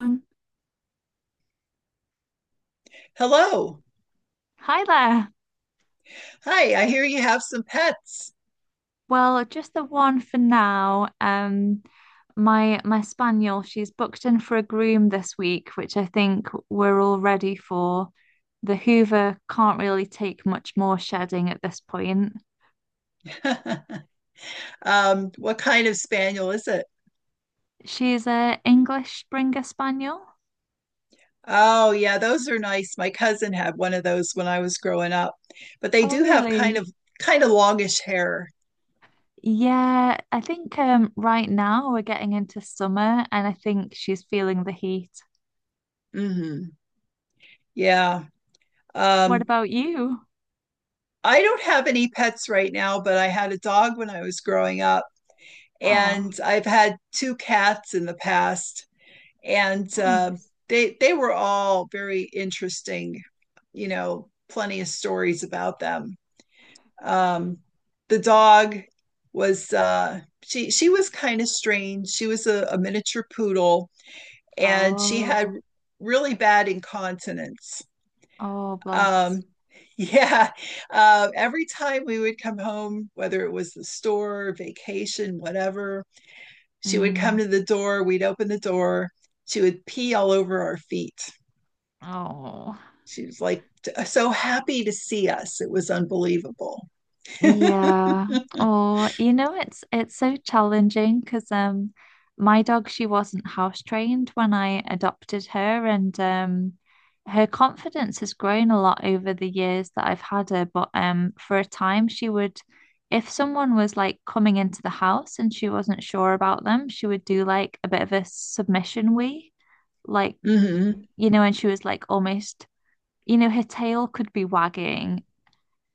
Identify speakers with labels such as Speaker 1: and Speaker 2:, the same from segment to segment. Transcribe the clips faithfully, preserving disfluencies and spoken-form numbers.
Speaker 1: Um,
Speaker 2: Hello.
Speaker 1: Hi there.
Speaker 2: Hi, I hear you have some pets.
Speaker 1: Well, just the one for now. Um, my my spaniel, she's booked in for a groom this week, which I think we're all ready for. The Hoover can't really take much more shedding at this point.
Speaker 2: Um, what kind of spaniel is it?
Speaker 1: She's a English Springer Spaniel.
Speaker 2: Oh, yeah, those are nice. My cousin had one of those when I was growing up. But they
Speaker 1: Oh,
Speaker 2: do have kind
Speaker 1: really?
Speaker 2: of kind of longish hair.
Speaker 1: Yeah, I think, um, right now we're getting into summer, and I think she's feeling the heat.
Speaker 2: hmm Yeah.
Speaker 1: What
Speaker 2: Um,
Speaker 1: about you?
Speaker 2: I don't have any pets right now, but I had a dog when I was growing up,
Speaker 1: Oh,
Speaker 2: and I've had two cats in the past, and uh,
Speaker 1: nice.
Speaker 2: they they were all very interesting, you know, plenty of stories about them. um, the dog was uh, she she was kind of strange. She was a, a miniature poodle, and she had
Speaker 1: Oh.
Speaker 2: really bad incontinence.
Speaker 1: Oh, bless.
Speaker 2: Um, yeah, uh, every time we would come home, whether it was the store, vacation, whatever, she would come
Speaker 1: Mm.
Speaker 2: to the door. We'd open the door. She would pee all over our feet.
Speaker 1: Oh,
Speaker 2: She was like t- so happy to see us. It was unbelievable.
Speaker 1: yeah. Oh, you know, it's it's so challenging because um, my dog she wasn't house trained when I adopted her, and um, her confidence has grown a lot over the years that I've had her. But um, for a time, she would, if someone was like coming into the house and she wasn't sure about them, she would do like a bit of a submission wee, like
Speaker 2: hmm
Speaker 1: you know, and she was like almost you know, her tail could be wagging,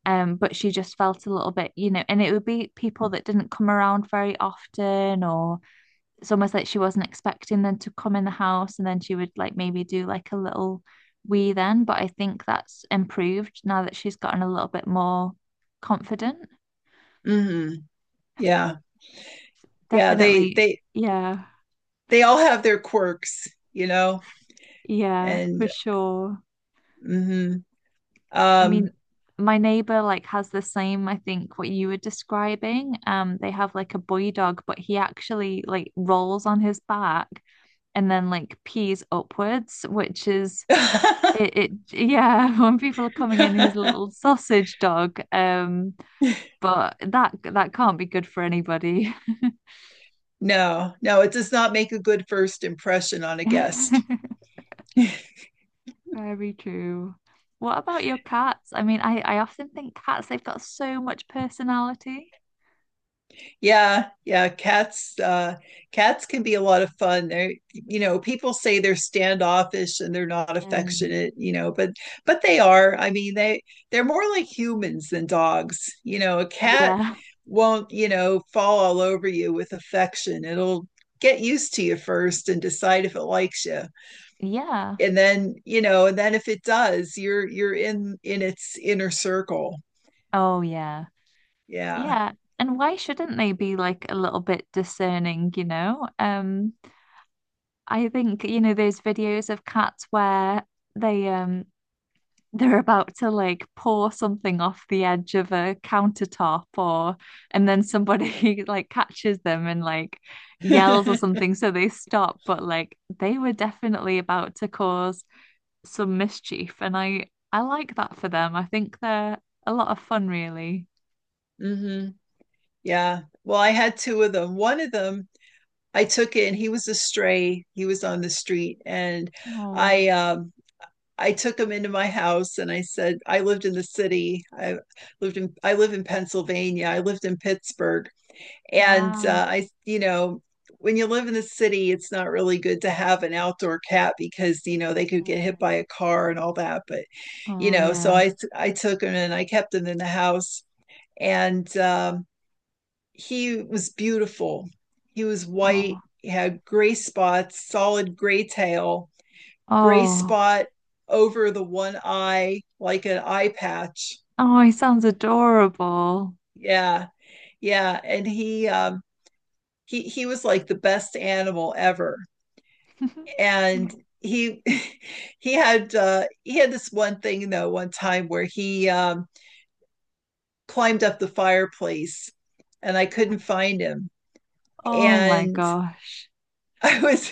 Speaker 1: um, but she just felt a little bit, you know, and it would be people that didn't come around very often, or it's almost like she wasn't expecting them to come in the house, and then she would like maybe do like a little wee then. But I think that's improved now that she's gotten a little bit more confident.
Speaker 2: hmm Yeah. Yeah. They
Speaker 1: Definitely,
Speaker 2: they
Speaker 1: yeah,
Speaker 2: they all have their quirks, you know,
Speaker 1: yeah, for
Speaker 2: and
Speaker 1: sure.
Speaker 2: hmm
Speaker 1: I mean,
Speaker 2: um
Speaker 1: my neighbor like has the same, I think, what you were describing. Um, they have like a boy dog, but he actually like rolls on his back and then like pees upwards, which is it, it yeah, when people are coming in, he's a little sausage dog. Um, but that that can't be good for anybody.
Speaker 2: no, no, it does not make a good first impression on a guest.
Speaker 1: Very true. What about your cats? I mean, I, I often think cats, they've got so much personality.
Speaker 2: Yeah, yeah, cats uh cats can be a lot of fun. They're, you know, people say they're standoffish and they're not
Speaker 1: Mm.
Speaker 2: affectionate, you know, but but they are. I mean, they they're more like humans than dogs. You know, a cat
Speaker 1: Yeah.
Speaker 2: won't, you know, fall all over you with affection. It'll get used to you first and decide if it likes you.
Speaker 1: Yeah.
Speaker 2: And then, you know, and then if it does, you're you're in in its inner circle.
Speaker 1: Oh yeah.
Speaker 2: Yeah.
Speaker 1: Yeah. And why shouldn't they be like a little bit discerning, you know? Um, I think, you know, those videos of cats where they um they're about to like pour something off the edge of a countertop or and then somebody like catches them and like yells or something so they stop, but like they were definitely about to cause some mischief and I I like that for them. I think they're a lot of fun really.
Speaker 2: hmm Yeah. Well, I had two of them. One of them, I took in. He was a stray. He was on the street, and
Speaker 1: Oh.
Speaker 2: I um, I took him into my house, and I said I lived in the city. I lived in I live in Pennsylvania. I lived in Pittsburgh, and uh,
Speaker 1: Wow.
Speaker 2: I, you know, when you live in the city, it's not really good to have an outdoor cat because you know they could get hit by
Speaker 1: Mm.
Speaker 2: a car and all that. But you
Speaker 1: Oh,
Speaker 2: know, so
Speaker 1: yeah.
Speaker 2: I I took him and I kept him in the house, and um, he was beautiful. He was white,
Speaker 1: Oh,
Speaker 2: he had gray spots, solid gray tail, gray
Speaker 1: oh,
Speaker 2: spot over the one eye, like an eye patch.
Speaker 1: oh, he sounds adorable.
Speaker 2: Yeah, yeah. And he um he he was like the best animal ever. And he he had uh he had this one thing though one time where he um climbed up the fireplace and I couldn't find him.
Speaker 1: Oh my
Speaker 2: And
Speaker 1: gosh.
Speaker 2: I was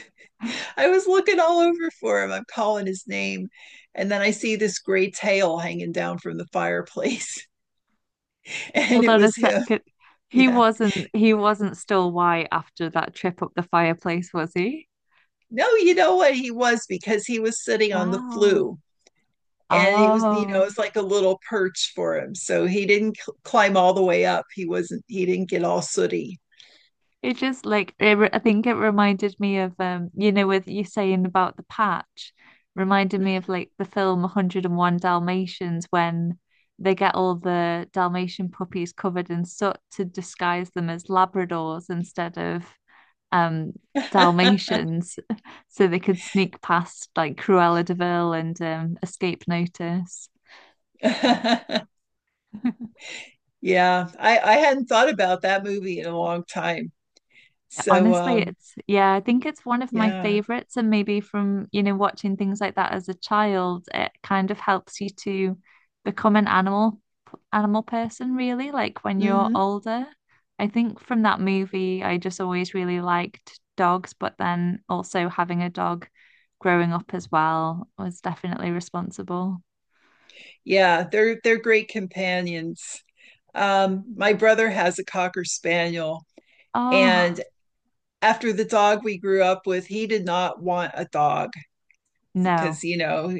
Speaker 2: I was looking all over for him. I'm calling his name. And then I see this gray tail hanging down from the fireplace. And
Speaker 1: Hold
Speaker 2: it
Speaker 1: on a
Speaker 2: was him.
Speaker 1: second. He
Speaker 2: Yeah.
Speaker 1: wasn't he wasn't still white after that trip up the fireplace, was he?
Speaker 2: No, you know what, he was, because he was sitting on the
Speaker 1: Wow.
Speaker 2: flue and it was, you know,
Speaker 1: Oh.
Speaker 2: it's like a little perch for him. So he didn't cl- climb all the way up. He wasn't, he didn't get all sooty.
Speaker 1: It just like it, re- I think it reminded me of um you know with you saying about the patch reminded me of like the film one hundred and one Dalmatians when they get all the Dalmatian puppies covered in soot to disguise them as Labradors instead of um Dalmatians so they could sneak past like Cruella de Vil and um, escape notice. Wow.
Speaker 2: Yeah. I, I hadn't thought about that movie in a long time. So,
Speaker 1: Honestly,
Speaker 2: um,
Speaker 1: it's yeah, I think it's one of my
Speaker 2: yeah.
Speaker 1: favorites, and maybe from you know watching things like that as a child, it kind of helps you to become an animal animal person, really, like when you're
Speaker 2: hmm
Speaker 1: older. I think from that movie, I just always really liked dogs, but then also having a dog growing up as well was definitely responsible.
Speaker 2: Yeah. They're, they're great companions. Um, my
Speaker 1: No.
Speaker 2: brother has a Cocker Spaniel,
Speaker 1: Oh,
Speaker 2: and after the dog we grew up with, he did not want a dog because,
Speaker 1: no.
Speaker 2: you know,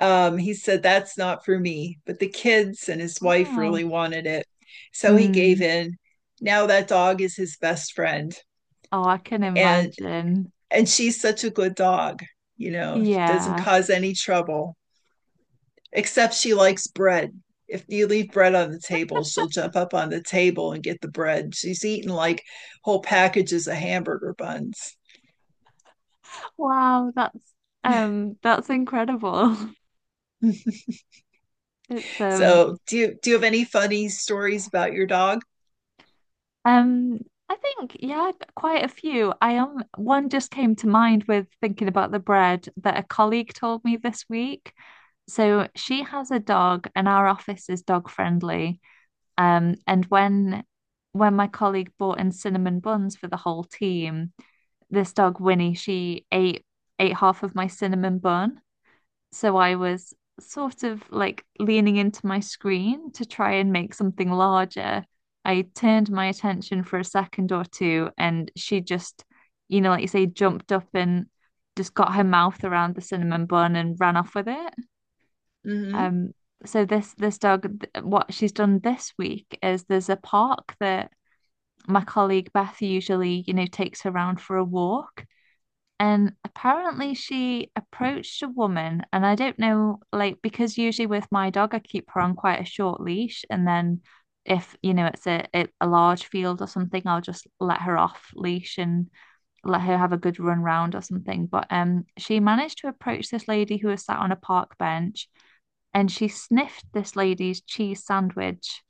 Speaker 2: um, he said, that's not for me. But the kids and his wife
Speaker 1: Wow.
Speaker 2: really wanted it. So he gave
Speaker 1: Mm.
Speaker 2: in. Now that dog is his best friend.
Speaker 1: Oh, I can
Speaker 2: And
Speaker 1: imagine.
Speaker 2: and she's such a good dog, you know, doesn't
Speaker 1: Yeah.
Speaker 2: cause any trouble, except she likes bread. If you leave bread on the table, she'll jump up on the table and get the bread. She's eaten like whole packages of hamburger buns.
Speaker 1: Wow, that's um that's incredible. It's um
Speaker 2: So, do you do you have any funny stories about your dog?
Speaker 1: um I think yeah, g- quite a few. I am one just came to mind with thinking about the bread that a colleague told me this week. So she has a dog and our office is dog friendly. Um and when when my colleague bought in cinnamon buns for the whole team, this dog Winnie, she ate ate half of my cinnamon bun. So I was sort of like leaning into my screen to try and make something larger. I turned my attention for a second or two, and she just, you know, like you say, jumped up and just got her mouth around the cinnamon bun and ran off with it.
Speaker 2: Mm-hmm.
Speaker 1: Um, so this this dog, th- what she's done this week is there's a park that my colleague Beth usually, you know, takes her around for a walk. And apparently she approached a woman, and I don't know, like, because usually with my dog, I keep her on quite a short leash, and then if, you know, it's a, a a large field or something, I'll just let her off leash and let her have a good run round or something. But um, she managed to approach this lady who was sat on a park bench, and she sniffed this lady's cheese sandwich.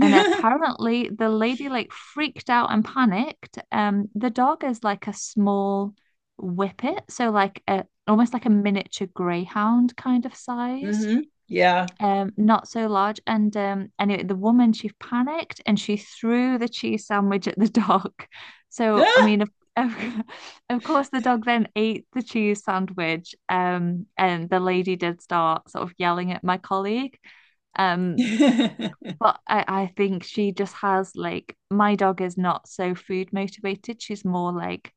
Speaker 1: And apparently the lady like freaked out and panicked. Um, the dog is like a small whippet, so like a almost like a miniature greyhound kind of size.
Speaker 2: Mm-hmm. Yeah.
Speaker 1: Um, not so large. And um, anyway, the woman she panicked and she threw the cheese sandwich at the dog. So I mean, of, of, of course, the dog then ate the cheese sandwich. Um, and the lady did start sort of yelling at my colleague. Um, but I, I think she just has like my dog is not so food motivated. She's more like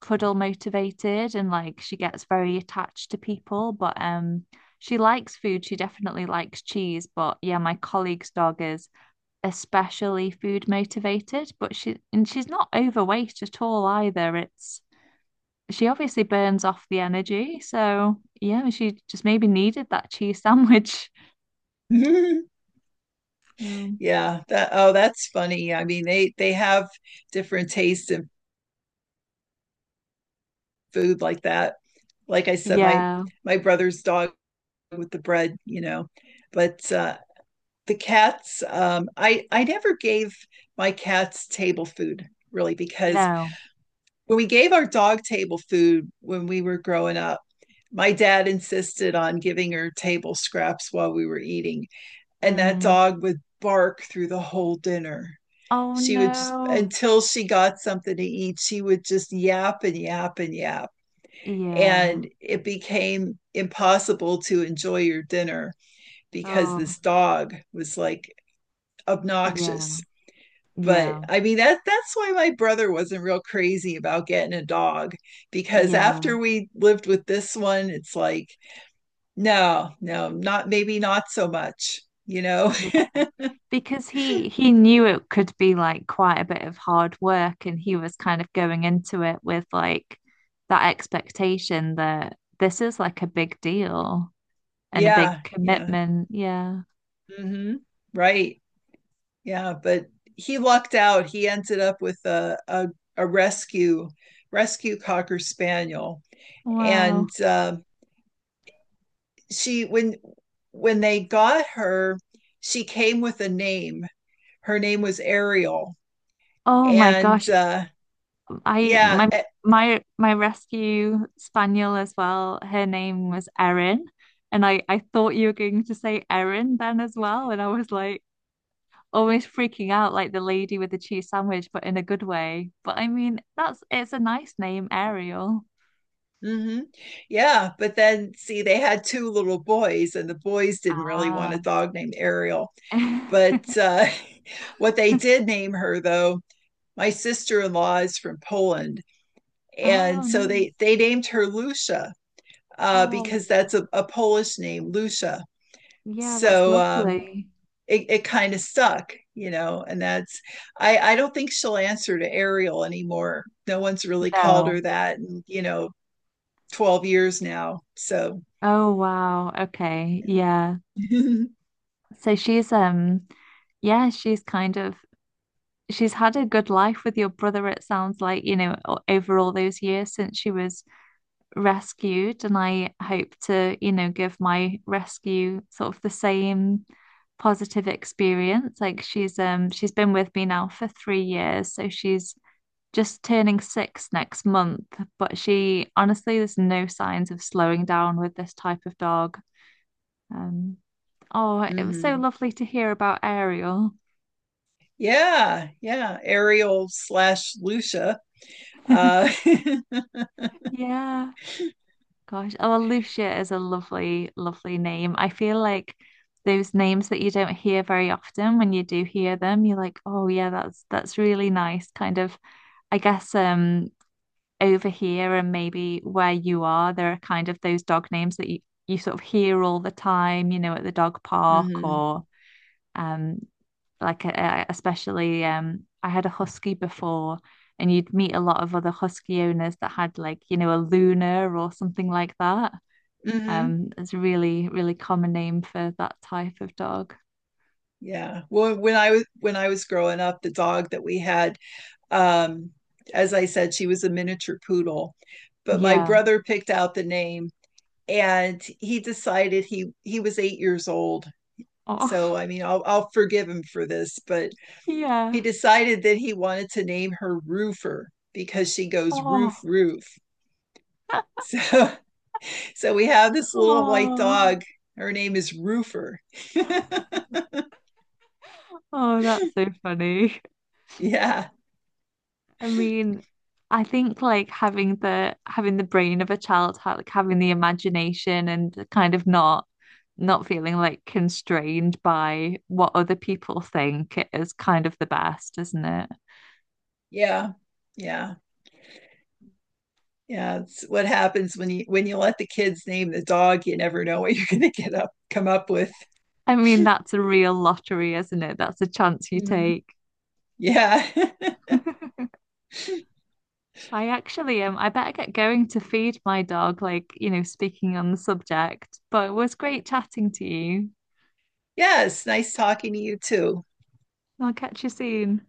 Speaker 1: cuddle motivated and like she gets very attached to people. But um she likes food. She definitely likes cheese. But yeah, my colleague's dog is especially food motivated, but she and she's not overweight at all either. It's She obviously burns off the energy. So yeah, she just maybe needed that cheese sandwich. Um,
Speaker 2: Yeah. That, oh, that's funny. I mean, they they have different tastes in food like that. Like I said, my
Speaker 1: yeah,
Speaker 2: my brother's dog with the bread, you know. But uh, the cats um, i i never gave my cats table food really, because
Speaker 1: no.
Speaker 2: when we gave our dog table food when we were growing up, my dad insisted on giving her table scraps while we were eating, and that
Speaker 1: Mm.
Speaker 2: dog would bark through the whole dinner.
Speaker 1: Oh
Speaker 2: She would just,
Speaker 1: no.
Speaker 2: until she got something to eat, she would just yap and yap and yap, and
Speaker 1: Yeah.
Speaker 2: it became impossible to enjoy your dinner, because
Speaker 1: Oh,
Speaker 2: this dog was like
Speaker 1: yeah.
Speaker 2: obnoxious. But
Speaker 1: Yeah.
Speaker 2: I mean, that that's why my brother wasn't real crazy about getting a dog, because
Speaker 1: Yeah.
Speaker 2: after we lived with this one, it's like, no, no, not maybe not so much, you know.
Speaker 1: Yeah. Because he he knew it could be like quite a bit of hard work and he was kind of going into it with like that expectation that this is like a big deal and a big
Speaker 2: Yeah, yeah.
Speaker 1: commitment. Yeah.
Speaker 2: hmm right. Yeah. But he lucked out. He ended up with a a, a rescue rescue cocker spaniel. And
Speaker 1: Wow.
Speaker 2: uh, she, when when they got her, she came with a name. Her name was Ariel.
Speaker 1: Oh my
Speaker 2: And
Speaker 1: gosh.
Speaker 2: uh
Speaker 1: I
Speaker 2: yeah,
Speaker 1: my
Speaker 2: eh,
Speaker 1: my my rescue spaniel as well. Her name was Erin, and I I thought you were going to say Erin then as well, and I was like almost freaking out like the lady with the cheese sandwich, but in a good way. But I mean, that's it's a nice name, Ariel.
Speaker 2: mhm. Yeah, but then see they had two little boys and the boys didn't really want a
Speaker 1: Ah.
Speaker 2: dog named ariel. But uh what they did name her though, my sister-in-law is from poland, and
Speaker 1: Oh,
Speaker 2: so
Speaker 1: nice.
Speaker 2: they they named her lucia, uh
Speaker 1: Oh,
Speaker 2: because that's a, a polish name, lucia.
Speaker 1: yeah, that's
Speaker 2: So um
Speaker 1: lovely.
Speaker 2: it, it kind of stuck, you know, and that's, I, I don't think she'll answer to Ariel anymore. No one's really called her
Speaker 1: No.
Speaker 2: that. And, you know, twelve years now. So,
Speaker 1: Oh, wow. Okay. Yeah.
Speaker 2: yeah.
Speaker 1: So she's um yeah, she's kind of she's had a good life with your brother, it sounds like, you know, over all those years since she was rescued. And I hope to, you know, give my rescue sort of the same positive experience. Like she's um she's been with me now for three years, so she's just turning six next month. But she honestly, there's no signs of slowing down with this type of dog. Um, oh, it was so
Speaker 2: hmm
Speaker 1: lovely to hear about Ariel.
Speaker 2: Yeah, yeah. Ariel slash Lucia. Uh,
Speaker 1: Yeah. Gosh, oh, Lucia is a lovely, lovely name. I feel like those names that you don't hear very often, when you do hear them, you're like, oh yeah, that's that's really nice. Kind of, I guess, um, over here and maybe where you are, there are kind of those dog names that you, you sort of hear all the time, you know, at the dog park
Speaker 2: hmm
Speaker 1: or um, like uh, uh, especially um, I had a husky before. And you'd meet a lot of other husky owners that had like, you know, a Luna or something like that.
Speaker 2: hmm
Speaker 1: Um, it's a really, really common name for that type of dog.
Speaker 2: Yeah. Well, when I was when I was growing up, the dog that we had, um, as I said, she was a miniature poodle, but my
Speaker 1: Yeah.
Speaker 2: brother picked out the name, and he decided he he was eight years old. So
Speaker 1: Oh,
Speaker 2: I mean, I'll I'll forgive him for this, but he
Speaker 1: yeah.
Speaker 2: decided that he wanted to name her Roofer because she goes roof,
Speaker 1: Oh,
Speaker 2: roof. So, so we have this little white
Speaker 1: oh,
Speaker 2: dog. Her name is Roofer.
Speaker 1: oh, that's so funny.
Speaker 2: Yeah,
Speaker 1: I mean, I think like having the having the brain of a child, ha- like having the imagination and kind of not not feeling like constrained by what other people think is kind of the best, isn't it?
Speaker 2: yeah, yeah, yeah. It's what happens when you when you let the kids name the dog. You never know what you're going to get up come up with.
Speaker 1: I mean, that's a real lottery, isn't it? That's a chance you
Speaker 2: Mm,
Speaker 1: take.
Speaker 2: yeah,
Speaker 1: I actually um I better get going to feed my dog, like, you know, speaking on the subject. But it was great chatting to you.
Speaker 2: yes. Nice talking to you too.
Speaker 1: I'll catch you soon.